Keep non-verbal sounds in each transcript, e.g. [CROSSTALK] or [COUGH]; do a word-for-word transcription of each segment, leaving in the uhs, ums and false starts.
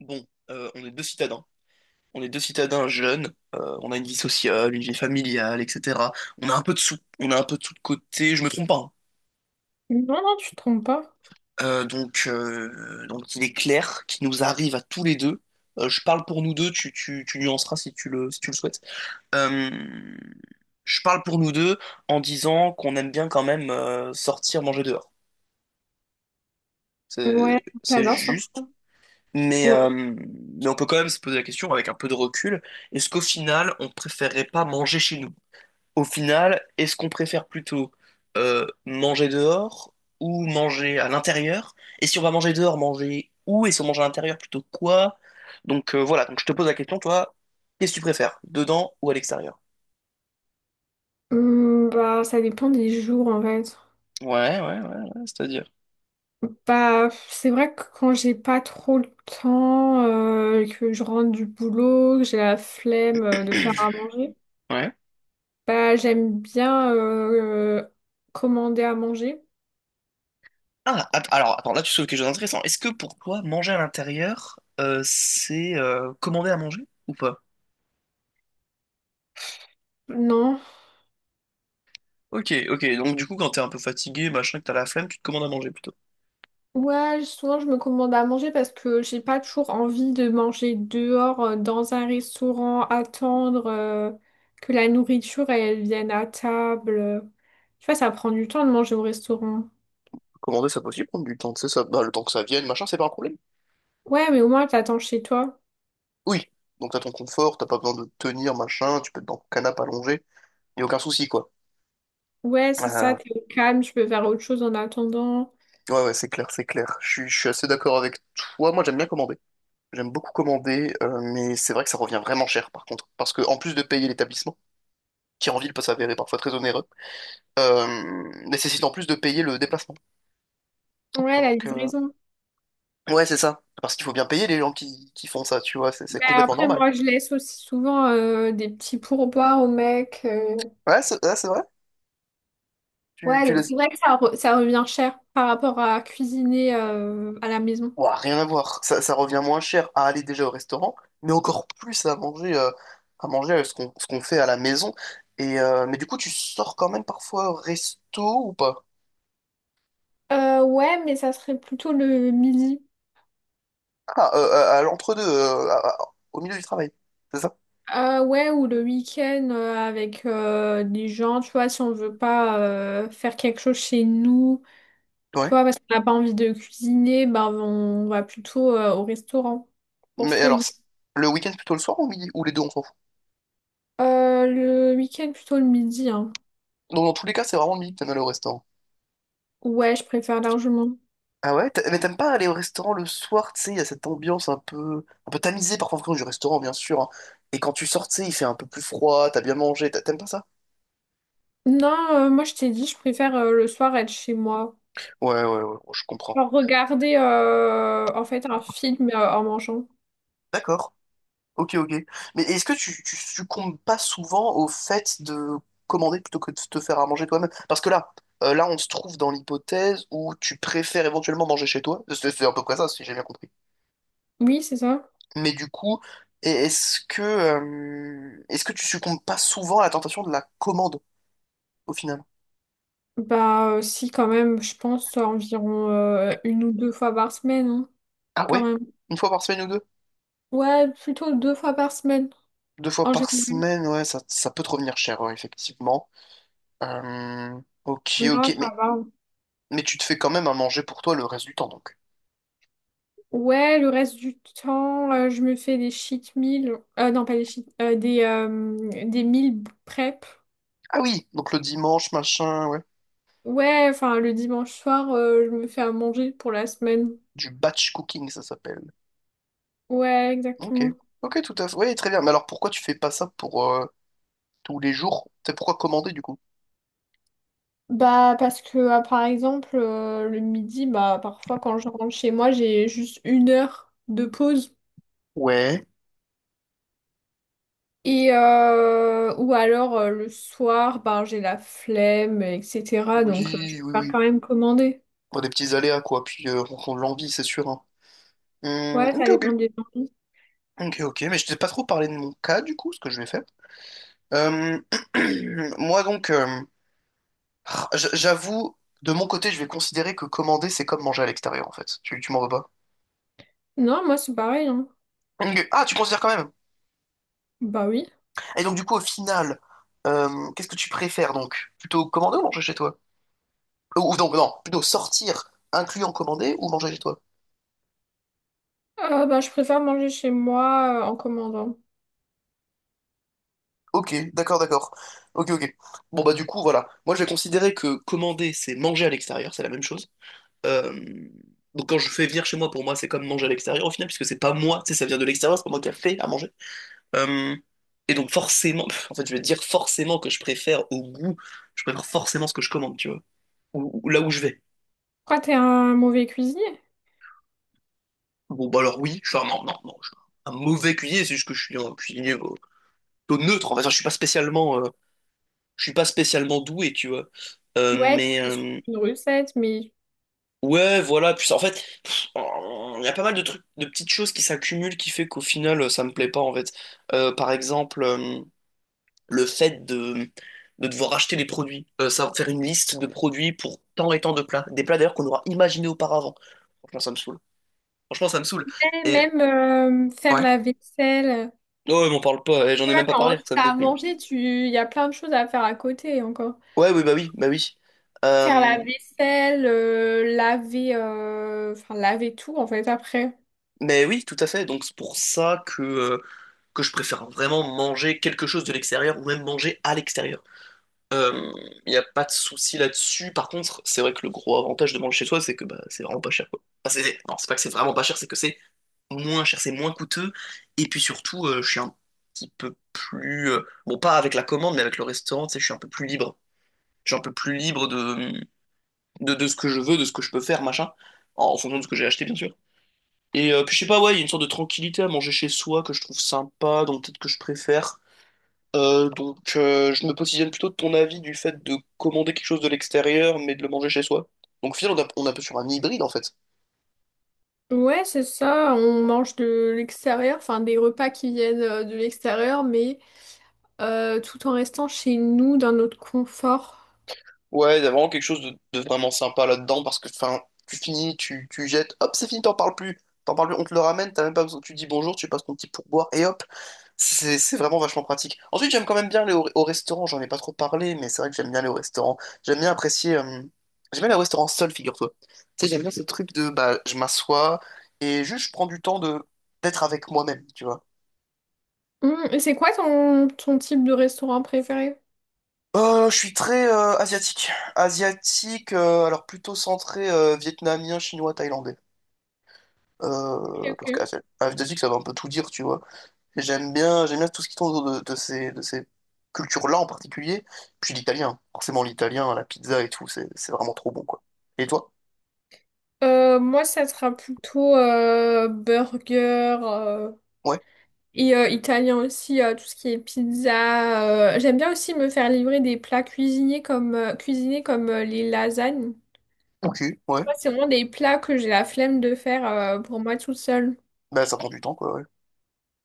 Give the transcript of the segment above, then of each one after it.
Bon, euh, on est deux citadins. On est deux citadins jeunes. euh, on a une vie sociale, une vie familiale, et cetera. On a un peu de sous, on a un peu de sous de côté. Je me trompe pas, hein. Non, non, tu te trompes pas. Euh, donc, euh, donc il est clair qu'il nous arrive à tous les deux. euh, je parle pour nous deux. Tu, tu, tu nuanceras si tu le, si tu le souhaites. Euh, je parle pour nous deux en disant qu'on aime bien quand même euh, sortir manger dehors. C'est, Ouais, c'est j'adore ça. juste. Mais, euh, Ouais. mais on peut quand même se poser la question avec un peu de recul, est-ce qu'au final, on préférerait pas manger chez nous? Au final, est-ce qu'on préfère plutôt euh, manger dehors ou manger à l'intérieur? Et si on va manger dehors, manger où? Et si on mange à l'intérieur, plutôt quoi? Donc euh, voilà, donc je te pose la question, toi, qu'est-ce que tu préfères, dedans ou à l'extérieur? Hum, bah, ça dépend des jours en fait. Ouais, ouais, ouais, ouais, c'est-à-dire. Bah, c'est vrai que quand j'ai pas trop le temps, euh, que je rentre du boulot, que j'ai la flemme euh, de faire à manger, Ouais. bah, j'aime bien euh, commander à manger. Ah, att- alors attends, là tu souleves quelque chose d'intéressant. Est-ce que pour toi, manger à l'intérieur, euh, c'est euh, commander à manger ou pas? Non. Ok, ok. Donc du coup, quand t'es un peu fatigué, machin, que t'as la flemme, tu te commandes à manger plutôt. Ouais, je- souvent je me commande à manger parce que j'ai pas toujours envie de manger dehors euh, dans un restaurant, attendre euh, que la nourriture elle vienne à table. Tu vois, ça prend du temps de manger au restaurant. Commander, ça peut aussi prendre du temps, tu sais, ça, bah, le temps que ça vienne, machin, c'est pas un problème. Ouais, mais au moins t'attends chez toi. Oui. Donc t'as ton confort, t'as pas besoin de te tenir, machin, tu peux être dans ton canapé allongé, y a aucun souci, quoi. Ouais, c'est ça, Euh, t'es au calme, tu peux faire autre chose en attendant. ouais, ouais, c'est clair, c'est clair. Je suis, je suis assez d'accord avec toi. Moi, j'aime bien commander. J'aime beaucoup commander, euh, mais c'est vrai que ça revient vraiment cher, par contre. Parce que, en plus de payer l'établissement, qui en ville peut s'avérer parfois très onéreux, euh, nécessite en plus de payer le déplacement. Ouais, la Donc, euh, livraison. Ouais, c'est ça. Parce qu'il faut bien payer les gens qui, qui font ça, tu vois, c'est c'est Mais complètement après, normal. moi je laisse aussi souvent euh, des petits pourboires au mec. euh. Ouais, c'est ouais, c'est vrai. Tu, Ouais, tu donc c'est laisses... vrai que ça, re- ça revient cher par rapport à cuisiner euh, à la maison. Ouah, rien à voir. Ça, ça revient moins cher à aller déjà au restaurant, mais encore plus à manger, euh, à manger euh, ce qu'on ce qu'on fait à la maison. Et, euh, mais du coup, tu sors quand même parfois au resto ou pas? Euh, ouais, mais ça serait plutôt le midi. Ah, euh, à, à l'entre-deux, euh, à- à- au milieu du travail, c'est ça? Euh, ouais, ou le week-end euh, avec euh, des gens, tu vois, si on veut pas euh, faire quelque chose chez nous, tu Ouais. vois, parce qu'on n'a pas envie de cuisiner, ben on va plutôt euh, au restaurant pour se Mais alors, réunir. c'est- le week-end plutôt le soir ou midi? Ou les deux, on s'en fout. Euh, le week-end, plutôt le midi, hein. Donc, dans tous les cas, c'est vraiment le midi que t'aimes aller au restaurant. Ouais, je préfère largement. Ah ouais? T'a- Mais t'aimes pas aller au restaurant le soir, tu sais, il y a cette ambiance un peu, un peu tamisée parfois en France du restaurant, bien sûr, hein. Et quand tu sors, tu sais, il fait un peu plus froid, t'as bien mangé, t'a- t'aimes pas ça? Non, euh, moi je t'ai dit, je préfère euh, le soir être chez moi. Ouais, ouais, ouais, je comprends. Genre regarder euh, en fait un film euh, en mangeant. D'accord. Ok, ok. Mais est-ce que tu, tu succombes pas souvent au fait de commander plutôt que de te faire à manger toi-même? Parce que là, euh, là, on se trouve dans l'hypothèse où tu préfères éventuellement manger chez toi. C'est c'est à peu près ça, si j'ai bien compris. Oui, c'est ça. Mais du coup, e- est-ce que, euh, est-ce que tu succombes pas souvent à la tentation de la commande au final? Bah, euh, si, quand même, je pense euh, environ euh, une ou deux fois par semaine, hein, Ah quand ouais? même. Une fois par semaine ou deux? Ouais, plutôt deux fois par semaine, Deux fois en par général. semaine, ouais, ça, ça peut te revenir cher, ouais, effectivement. Euh, ok, Non, ok, mais, ça va. mais tu te fais quand même à manger pour toi le reste du temps, donc. Ouais, le reste du temps, euh, je me fais des cheat meals. Euh, non, pas des cheat, euh, des, euh, des meal prep. Ah oui, donc le dimanche, machin, ouais. Ouais, enfin, le dimanche soir, euh, je me fais à manger pour la semaine. Du batch cooking, ça s'appelle. Ouais, Ok, exactement. ok, tout à fait. Ouais, très bien. Mais alors pourquoi tu fais pas ça pour euh, tous les jours? C'est pourquoi commander, du coup? Bah, parce que, ah, par exemple, euh, le midi, bah, parfois, quand je rentre chez moi, j'ai juste une heure de pause. Ouais. Et euh, ou alors euh, le soir, bah, j'ai la flemme, et cetera. Donc euh, je Oui, oui, préfère oui. quand même commander. Pour des petits aléas, quoi. Puis euh, en fonction de l'envie, c'est sûr, hein. Hum, Ouais, ça ok, dépend ok. des envies. Ok, ok. Mais je t'ai pas trop parlé de mon cas, du coup, ce que je vais faire. Euh, [CLEARS THROAT] moi donc, euh, j- j'avoue, de mon côté, je vais considérer que commander, c'est comme manger à l'extérieur en fait. Tu, tu m'en veux pas? Non, moi c'est pareil, hein. Ok. Ah, tu considères quand même. Bah oui. Et donc du coup, au final, euh, qu'est-ce que tu préfères donc? Plutôt commander ou manger chez toi? Ou ou donc non, plutôt sortir, incluant commander ou manger chez toi? Euh, bah, je préfère manger chez moi euh, en commandant. Ok, d'accord, d'accord. Ok, ok. Bon bah du coup, voilà. Moi, je vais considérer que commander, c'est manger à l'extérieur, c'est la même chose. Euh, Donc quand je fais venir chez moi, pour moi, c'est comme manger à l'extérieur au final, puisque c'est pas moi, tu sais, ça vient de l'extérieur, c'est pas moi qui a fait à manger. Euh, et donc forcément, [LAUGHS] en fait, je vais te dire forcément que je préfère au goût, je préfère forcément ce que je commande, tu vois, ou, ou là où je vais. Pourquoi t'es un mauvais cuisinier? Bon, bah alors oui, je suis un, non, non, non, je suis un mauvais cuisinier, c'est juste que je suis un cuisinier euh, plutôt neutre, en fait, je suis pas spécialement, euh, je suis pas spécialement doué, tu vois. Euh, Ouais, tu mais sais suivre euh, une recette, mais… ouais, voilà, puis en fait, pff, il y a pas mal de trucs, de petites choses qui s'accumulent qui fait qu'au final, euh, ça me plaît pas, en fait. Euh, par exemple, euh, le fait de, de devoir acheter des produits. Euh, ça faire une liste de produits pour tant et tant de plats. Des plats d'ailleurs qu'on aura imaginé auparavant. Franchement, ça me saoule. Franchement, ça me saoule. Eh, Et même euh, faire ouais. la vaisselle. Non, ouais, m'en parle pas. Eh, j'en Tu ai vois, même pas quand parlé. tu Ça me as à déprime. manger, tu… il y a plein de choses à faire à côté encore. Ouais, oui, bah oui, bah oui. Faire Euh, la vaisselle, euh, laver, euh, enfin laver tout en fait après. mais oui, tout à fait. Donc c'est pour ça que, euh, que je préfère vraiment manger quelque chose de l'extérieur ou même manger à l'extérieur. Euh, Il n'y a pas de souci là-dessus. Par contre, c'est vrai que le gros avantage de manger chez soi, c'est que bah, c'est vraiment pas cher, quoi. Enfin, c'est- non, c'est pas que c'est vraiment pas cher, c'est que c'est moins cher, c'est moins coûteux. Et puis surtout, euh, je suis un petit peu plus, euh, bon, pas avec la commande, mais avec le restaurant, tu sais, je suis un peu plus libre. Je suis un peu plus libre de, de, de ce que je veux, de ce que je peux faire, machin. En fonction de ce que j'ai acheté, bien sûr. Et euh, puis je sais pas, ouais, il y a une sorte de tranquillité à manger chez soi que je trouve sympa, donc peut-être que je préfère. Euh, donc, euh, je me positionne plutôt de ton avis du fait de commander quelque chose de l'extérieur, mais de le manger chez soi. Donc, au final, on est un on est un peu sur un hybride, en fait. Ouais, c'est ça. On mange de l'extérieur, enfin des repas qui viennent euh, de l'extérieur, mais euh, tout en restant chez nous dans notre confort. Ouais, il y a vraiment quelque chose de, de vraiment sympa là-dedans parce que enfin, tu finis, tu, tu jettes, hop, c'est fini, t'en parles plus. T'en parles plus, on te le ramène, t'as même pas besoin, tu dis bonjour, tu passes ton petit pourboire et hop, c'est c'est vraiment vachement pratique. Ensuite, j'aime quand même bien aller au, au restaurant, j'en ai pas trop parlé, mais c'est vrai que j'aime bien aller au restaurant. J'aime bien apprécier, euh, j'aime bien aller au restaurant seul, figure-toi. Tu sais, j'aime bien ce truc de bah, je m'assois et juste je prends du temps de d'être avec moi-même, tu vois. Hum, et c'est quoi ton, ton type de restaurant préféré? Euh, je suis très euh, asiatique. Asiatique, euh, alors plutôt centré euh, vietnamien, chinois, thaïlandais. Ok, Euh, parce ok. qu'A F deux X, ça va un peu tout dire, tu vois. Et J'aime bien, j'aime bien tout ce qui tourne autour de, de ces, de ces cultures-là en particulier. Puis l'italien, forcément l'italien, la pizza et tout, c'est c'est vraiment trop bon, quoi. Et toi? Euh, moi, ça sera plutôt euh, burger euh, Ouais, et euh, italien aussi, euh, tout ce qui est pizza. euh. J'aime bien aussi me faire livrer des plats cuisinés comme, euh, cuisinés comme euh, les lasagnes. ok, ouais. Moi, c'est vraiment des plats que j'ai la flemme de faire euh, pour moi toute seule. Bah ça prend du temps, quoi, ouais.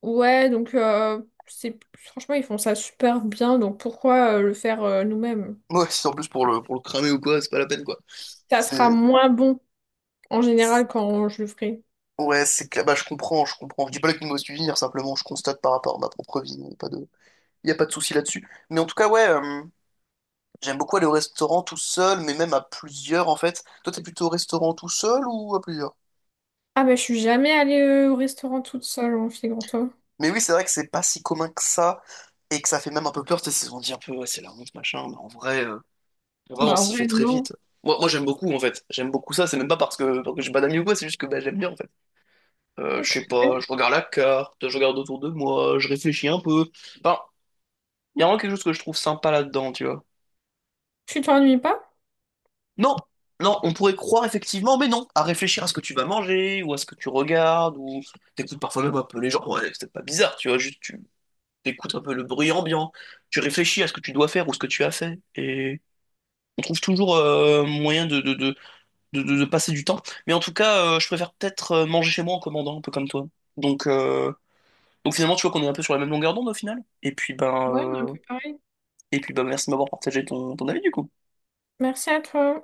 Ouais, donc euh, c'est franchement ils font ça super bien, donc pourquoi euh, le faire euh, nous-mêmes? Ouais, si en plus pour le, pour le cramer ou quoi, c'est pas la peine, quoi. Ça C'est... sera moins bon en général quand je le ferai. Ouais, c'est que bah, je comprends, je comprends. Je dis pas que nous me suivre, simplement je constate par rapport à ma propre vie, il n'y a pas de, il y a pas de souci là-dessus. Mais en tout cas, ouais, euh, j'aime beaucoup aller au restaurant tout seul, mais même à plusieurs en fait. Toi, t'es plutôt au restaurant tout seul ou à plusieurs? Ah mais je suis jamais allée euh, au restaurant toute seule en figure-toi. Mais oui, c'est vrai que c'est pas si commun que ça et que ça fait même un peu peur. Tu sais, on dit un peu, ouais, c'est la honte, machin, mais en vrai, euh, en vrai, on Bah en s'y fait vrai très non. vite. Moi, moi j'aime beaucoup en fait. J'aime beaucoup ça. C'est même pas parce que, parce que j'ai pas d'amis ou quoi, c'est juste que bah, j'aime bien en fait. Euh, je Ok. sais pas, je regarde la carte, je regarde autour de moi, je réfléchis un peu. Enfin, il y a vraiment quelque chose que je trouve sympa là-dedans, tu vois. Tu t'ennuies pas? Non, non, on pourrait croire effectivement, mais non, à réfléchir à ce que tu vas manger, ou à ce que tu regardes, ou t'écoutes parfois même un peu les gens, ouais, c'est pas bizarre, tu vois, juste tu t'écoutes un peu le bruit ambiant, tu réfléchis à ce que tu dois faire ou ce que tu as fait, et on trouve toujours euh, moyen de, de, de, de, de- de passer du temps. Mais en tout cas, euh, je préfère peut-être euh, manger chez moi en commandant, un peu comme toi. Donc, euh, donc finalement, tu vois qu'on est un peu sur la même longueur d'onde au final. Et puis ben, Ouais, on est un euh, peu pareil. et puis ben, merci de m'avoir partagé ton, ton avis du coup. Merci à toi.